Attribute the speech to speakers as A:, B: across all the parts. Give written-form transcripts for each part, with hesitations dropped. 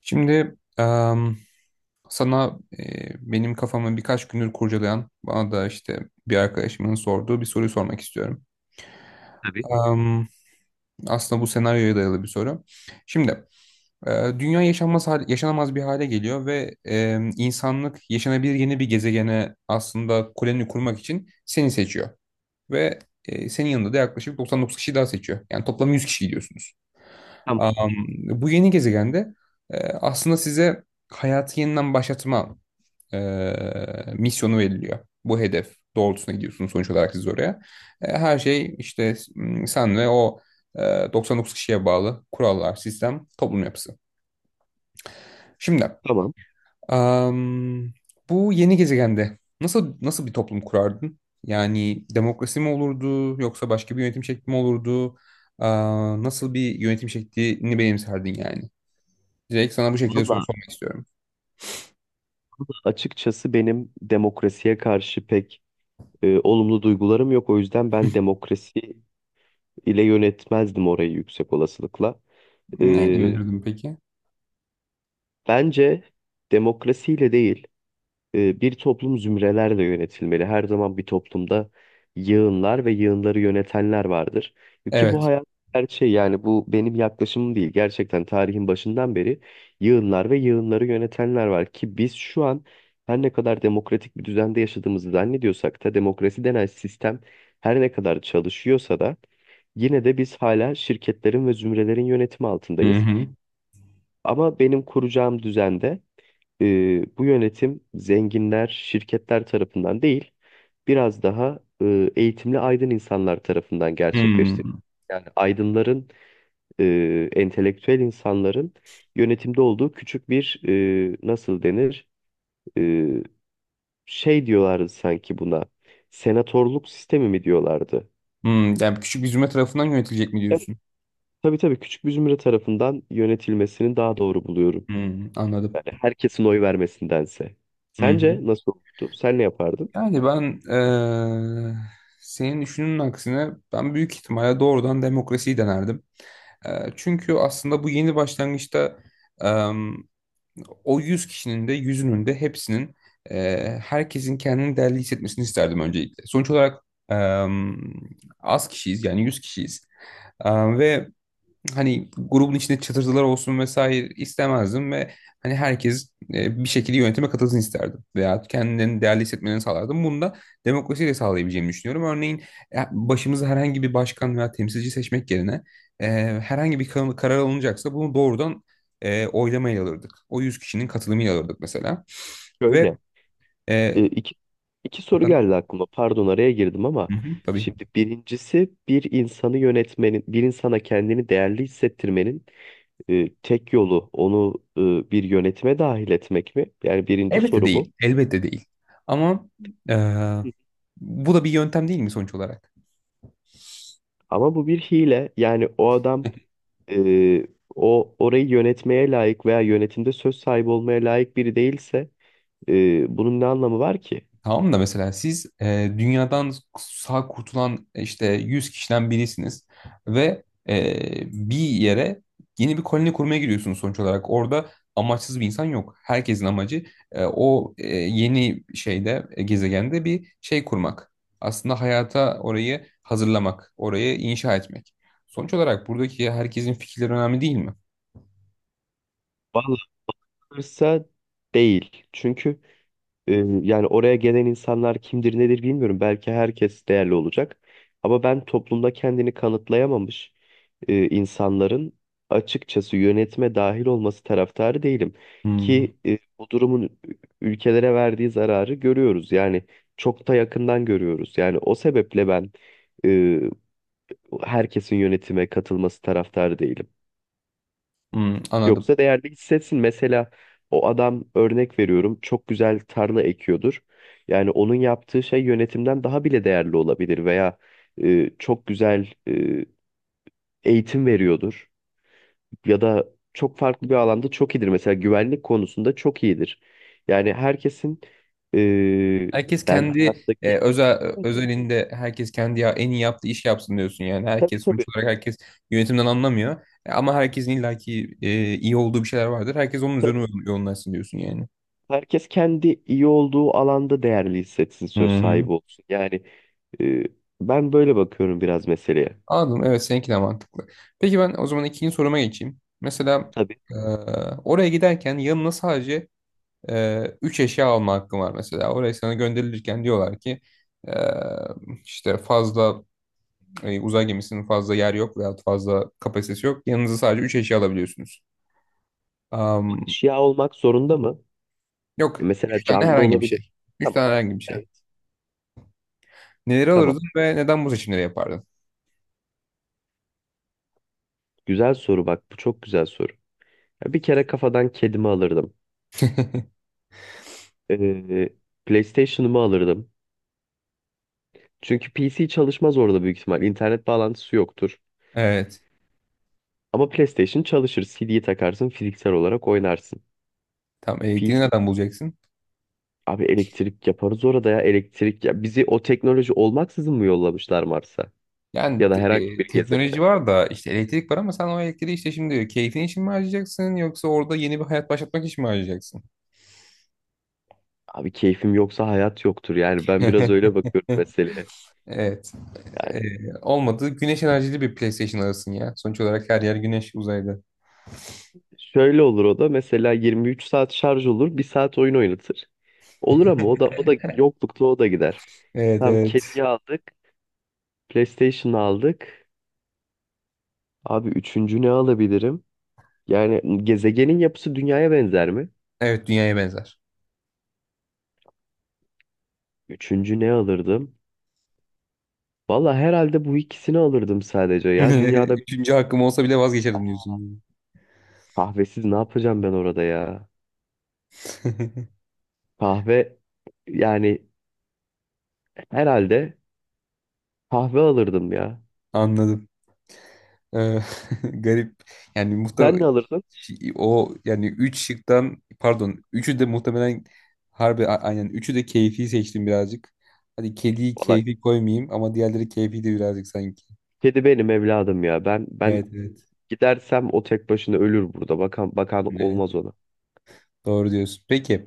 A: Şimdi sana benim kafamı birkaç gündür kurcalayan, bana da işte bir arkadaşımın sorduğu bir soruyu sormak istiyorum.
B: Tabii.
A: Em, Aslında bu senaryoya dayalı bir soru. Şimdi e, dünya yaşanamaz bir hale geliyor ve insanlık yaşanabilir yeni bir gezegene aslında koloni kurmak için seni seçiyor. Ve senin yanında da yaklaşık 99 kişi daha seçiyor. Yani toplam 100 kişi gidiyorsunuz.
B: Tamam.
A: Em, Bu yeni gezegende aslında size hayatı yeniden başlatma misyonu veriliyor. Bu hedef doğrultusuna gidiyorsunuz sonuç olarak siz oraya. Her şey işte sen ve o e, 99 kişiye bağlı kurallar, sistem, toplum yapısı. Şimdi
B: Tamam.
A: am, bu yeni gezegende nasıl bir toplum kurardın? Yani demokrasi mi olurdu yoksa başka bir yönetim şekli mi olurdu? Nasıl bir yönetim şeklini benimserdin yani? Direkt sana bu
B: Valla
A: şekilde soru
B: valla
A: sormak istiyorum.
B: açıkçası benim demokrasiye karşı pek olumlu duygularım yok. O yüzden ben demokrasi ile yönetmezdim orayı yüksek olasılıkla.
A: Ne
B: E,
A: yönetirdim peki?
B: Bence demokrasiyle değil. Bir toplum zümrelerle yönetilmeli. Her zaman bir toplumda yığınlar ve yığınları yönetenler vardır. Ki bu
A: Evet.
B: hayat gerçeği, yani bu benim yaklaşımım değil. Gerçekten tarihin başından beri yığınlar ve yığınları yönetenler var. Ki biz şu an her ne kadar demokratik bir düzende yaşadığımızı zannediyorsak da demokrasi denen sistem her ne kadar çalışıyorsa da yine de biz hala şirketlerin ve zümrelerin yönetimi
A: Hı
B: altındayız.
A: hı.
B: Ama benim kuracağım düzende bu yönetim zenginler, şirketler tarafından değil, biraz daha eğitimli aydın insanlar tarafından
A: Hı.
B: gerçekleştiriliyor. Yani aydınların, entelektüel insanların yönetimde olduğu küçük bir nasıl denir? E, Şey diyorlardı sanki buna. Senatörlük sistemi mi diyorlardı?
A: Hmm, yani küçük bir zümre tarafından yönetilecek mi
B: Evet,
A: diyorsun?
B: tabii tabii, küçük bir zümre tarafından yönetilmesini daha doğru buluyorum.
A: Hmm, anladım.
B: Hani herkesin oy vermesindense.
A: Hı
B: Sence
A: hı.
B: nasıl olurdu? Sen ne yapardın?
A: Yani ben senin düşünün aksine ben büyük ihtimalle doğrudan demokrasiyi denerdim. Çünkü aslında bu yeni başlangıçta em, o 100 kişinin de yüzünün de hepsinin herkesin kendini değerli hissetmesini isterdim öncelikle. Sonuç olarak az kişiyiz yani 100 kişiyiz. Ve hani grubun içinde çatırtılar olsun vesaire istemezdim ve hani herkes bir şekilde yönetime katılsın isterdim veya kendilerini değerli hissetmelerini sağlardım. Bunu da demokrasiyle sağlayabileceğimi düşünüyorum. Örneğin başımıza herhangi bir başkan veya temsilci seçmek yerine e, herhangi bir karar alınacaksa bunu doğrudan oylamayla alırdık. O 100 kişinin katılımıyla alırdık mesela. Ve
B: Şöyle,
A: e,
B: e, iki, iki soru
A: efendim,
B: geldi aklıma. Pardon araya girdim ama
A: hı hı, tabii.
B: şimdi birincisi bir insanı yönetmenin, bir insana kendini değerli hissettirmenin tek yolu onu bir yönetime dahil etmek mi? Yani birinci
A: Elbette
B: soru bu.
A: değil. Elbette değil. Ama e,
B: Hı.
A: bu da bir yöntem değil mi sonuç olarak?
B: Ama bu bir hile. Yani o adam, e, o orayı yönetmeye layık veya yönetimde söz sahibi olmaya layık biri değilse bunun ne anlamı var ki?
A: Tamam da mesela siz dünyadan sağ kurtulan işte 100 kişiden birisiniz ve bir yere yeni bir koloni kurmaya gidiyorsunuz sonuç olarak. Orada amaçsız bir insan yok. Herkesin amacı o yeni gezegende bir şey kurmak. Aslında hayata orayı hazırlamak, orayı inşa etmek. Sonuç olarak buradaki herkesin fikirleri önemli değil mi?
B: Vallahi hırsa değil. Çünkü Ee, yani oraya gelen insanlar kimdir nedir bilmiyorum. Belki herkes değerli olacak. Ama ben toplumda kendini kanıtlayamamış insanların açıkçası yönetime dahil olması taraftarı değilim.
A: Hmm,
B: Ki bu durumun ülkelere verdiği zararı görüyoruz. Yani çok da yakından görüyoruz. Yani o sebeple ben e, herkesin yönetime katılması taraftarı değilim.
A: hmm, anladım.
B: Yoksa değerli hissetsin. Mesela o adam, örnek veriyorum, çok güzel tarla ekiyordur. Yani onun yaptığı şey yönetimden daha bile değerli olabilir veya çok güzel eğitim veriyordur ya da çok farklı bir alanda çok iyidir. Mesela güvenlik konusunda çok iyidir. Yani herkesin, e,
A: Herkes
B: ben
A: kendi
B: hayattaki.
A: özel
B: Evet, evet,
A: özelinde herkes kendi ya, en iyi yaptığı iş yapsın diyorsun yani.
B: tabii
A: Herkes sonuç
B: tabii
A: olarak herkes yönetimden anlamıyor. Ama herkesin illaki iyi olduğu bir şeyler vardır. Herkes onun üzerine
B: tabii,
A: yoğunlaşsın diyorsun yani.
B: herkes kendi iyi olduğu alanda değerli hissetsin,
A: Hı
B: söz
A: hı.
B: sahibi olsun. Yani e, ben böyle bakıyorum biraz meseleye.
A: Anladım. Evet, seninki de mantıklı. Peki ben o zaman ikinci soruma geçeyim. Mesela
B: Tabii.
A: e, oraya giderken yanına sadece üç eşya alma hakkın var mesela. Oraya sana gönderilirken diyorlar ki e, işte fazla uzay gemisinin fazla yer yok veya fazla kapasitesi yok. Yanınıza sadece 3 eşya alabiliyorsunuz. Am,
B: Eşya olmak zorunda mı?
A: yok.
B: Mesela
A: Üç tane
B: canlı
A: herhangi bir
B: olabilir.
A: şey. Üç
B: Tamam.
A: tane herhangi bir şey.
B: Evet.
A: Neleri alırdın
B: Tamam.
A: ve neden bu seçimleri yapardın?
B: Güzel soru bak. Bu çok güzel soru. Ya bir kere kafadan kedimi alırdım. Ee, PlayStation'ımı alırdım. Çünkü PC çalışmaz orada büyük ihtimal. İnternet bağlantısı yoktur.
A: Evet.
B: Ama PlayStation çalışır. CD'yi takarsın, fiziksel olarak oynarsın.
A: Tam elektriği
B: PC.
A: nereden bulacaksın?
B: Abi elektrik yaparız orada, ya elektrik. Ya bizi o teknoloji olmaksızın mı yollamışlar Mars'a?
A: Yani
B: Ya da herhangi bir
A: teknoloji
B: gezegene.
A: var da işte elektrik var ama sen o elektriği işte şimdi keyfin için mi harcayacaksın yoksa orada yeni bir hayat başlatmak için mi harcayacaksın?
B: Abi keyfim yoksa hayat yoktur. Yani ben biraz öyle bakıyorum meseleye.
A: Evet. E,
B: Yani
A: Olmadı. Güneş enerjili bir PlayStation alırsın ya. Sonuç olarak her yer güneş uzayda.
B: şöyle olur, o da mesela 23 saat şarj olur, bir saat oyun oynatır. Olur ama o da yoklukla o da gider.
A: Evet,
B: Tamam,
A: evet.
B: kediyi aldık, PlayStation aldık. Abi üçüncü ne alabilirim? Yani gezegenin yapısı dünyaya benzer mi?
A: Evet, dünyaya benzer.
B: Üçüncü ne alırdım? Valla herhalde bu ikisini alırdım sadece ya. Dünyada bir-
A: Üçüncü hakkım olsa bile vazgeçerdim
B: Ah,
A: diyorsun.
B: kahvesiz ne yapacağım ben orada ya? Kahve, yani herhalde kahve alırdım ya.
A: Anladım. Ee, garip. Yani
B: Sen ne
A: muhtemelen
B: alırdın?
A: o yani üç şıktan pardon üçü de muhtemelen harbi aynen üçü de keyfi seçtim birazcık. Hadi kediyi
B: Valla
A: keyfi koymayayım ama diğerleri keyfi de birazcık sanki.
B: kedi benim evladım ya. Ben
A: Evet, evet.
B: gidersem o tek başına ölür burada. Bakan bakan
A: Evet,
B: olmaz ona.
A: doğru diyorsun. Peki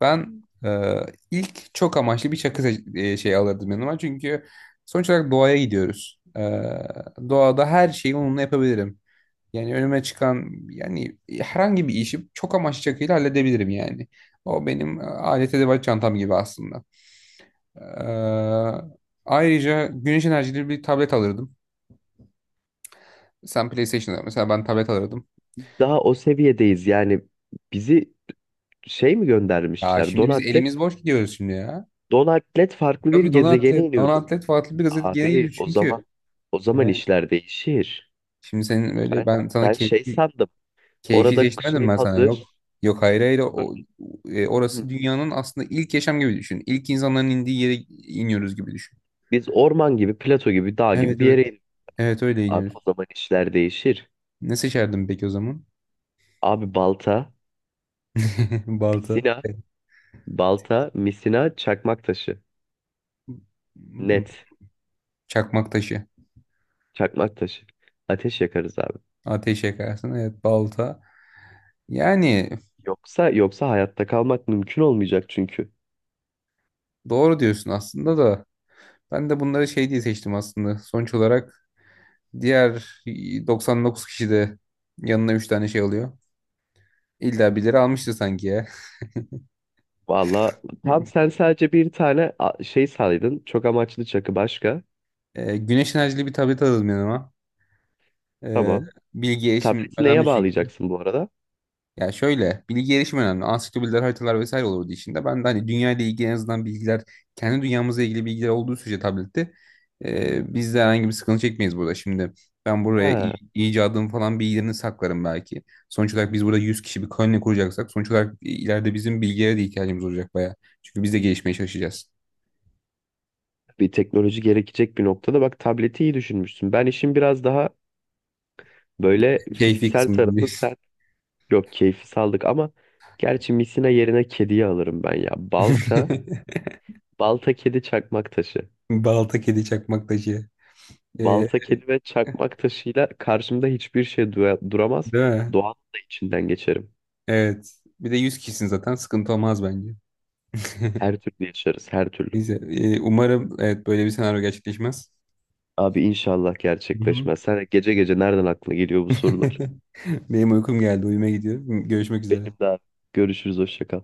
A: ben ilk çok amaçlı bir şey alırdım yanıma çünkü sonuç olarak doğaya gidiyoruz. Doğada her şeyi onunla yapabilirim. Yani önüme çıkan yani herhangi bir işi çok amaç çakıyla halledebilirim yani. O benim alet edevat çantam gibi aslında. Ee, Ayrıca güneş enerjili bir tablet alırdım. Sen PlayStation'da mesela ben tablet alırdım.
B: Biz daha o seviyedeyiz yani, bizi şey mi
A: Ya
B: göndermişler?
A: şimdi biz
B: Donatlet.
A: elimiz boş gidiyoruz şimdi ya.
B: Donatlet farklı bir
A: Tabii
B: gezegene
A: Donatlet,
B: iniyoruz.
A: Donatlet farklı bir gazete gene
B: Abi
A: gidiyor
B: o
A: çünkü.
B: zaman,
A: Ee,
B: işler değişir.
A: şimdi senin böyle
B: Ben
A: ben sana
B: ben şey sandım.
A: keyfi
B: Orada
A: seçtirmedim
B: şey
A: ben sana yok.
B: hazır.
A: Yok, hayır, hayır
B: Böyle, hı,
A: orası dünyanın aslında ilk yaşam gibi düşün. İlk insanların indiği yere iniyoruz gibi düşün.
B: biz orman gibi, plato gibi, dağ gibi
A: Evet,
B: bir yere
A: evet.
B: iniyoruz.
A: Evet, öyle
B: Abi o
A: iniyoruz.
B: zaman işler değişir.
A: Ne seçerdin peki o zaman?
B: Abi balta,
A: Balta.
B: misina, balta, misina, çakmak taşı.
A: Hmm,
B: Net.
A: çakmak taşı.
B: Çakmak taşı. Ateş yakarız abi.
A: Ateş yakarsın. Evet, balta. Yani
B: Yoksa hayatta kalmak mümkün olmayacak çünkü.
A: doğru diyorsun aslında da. Ben de bunları şey diye seçtim aslında. Sonuç olarak diğer 99 kişi de yanına 3 tane şey alıyor. İlla birileri almıştı sanki ya.
B: Valla tam sen sadece bir tane şey saydın. Çok amaçlı çakı başka.
A: Güneş enerjili bir tablet aldım yanıma. Ee,
B: Tamam.
A: bilgi erişim
B: Tableti neye
A: önemli çünkü.
B: bağlayacaksın bu arada?
A: Ya şöyle bilgi erişimi önemli. Ansiklopediler, haritalar vesaire olurdu içinde. Ben de hani dünya ile ilgili en azından bilgiler, kendi dünyamızla ilgili bilgiler olduğu sürece tablette biz de herhangi bir sıkıntı çekmeyiz burada. Şimdi ben buraya
B: Ha,
A: icadım falan bilgilerini saklarım belki. Sonuç olarak biz burada 100 kişi bir koloni kuracaksak sonuç olarak ileride bizim bilgilere de ihtiyacımız olacak bayağı. Çünkü biz de gelişmeye çalışacağız.
B: bir teknoloji gerekecek bir noktada. Bak, tableti iyi düşünmüşsün. Ben işin biraz daha böyle
A: Keyfi
B: fiziksel
A: kısmı
B: tarafı,
A: değil.
B: sen. Yok, keyfi saldık ama gerçi misina yerine kediyi alırım ben ya. Balta, balta kedi, çakmak taşı.
A: Balta, kedi, çakmak taşı. E,
B: Balta, kedi ve çakmak taşıyla karşımda hiçbir şey duramaz.
A: değil mi?
B: Doğanın da içinden geçerim.
A: Evet. Bir de 100 kişisin zaten sıkıntı olmaz bence.
B: Her türlü yaşarız, her türlü.
A: Neyse, umarım evet böyle bir senaryo gerçekleşmez.
B: Abi inşallah
A: Hı hı.
B: gerçekleşmez. Sen gece gece nereden aklına geliyor bu sorular?
A: Benim uykum geldi, uyuma gidiyorum. Görüşmek üzere.
B: Benim de abi. Görüşürüz, hoşça kal.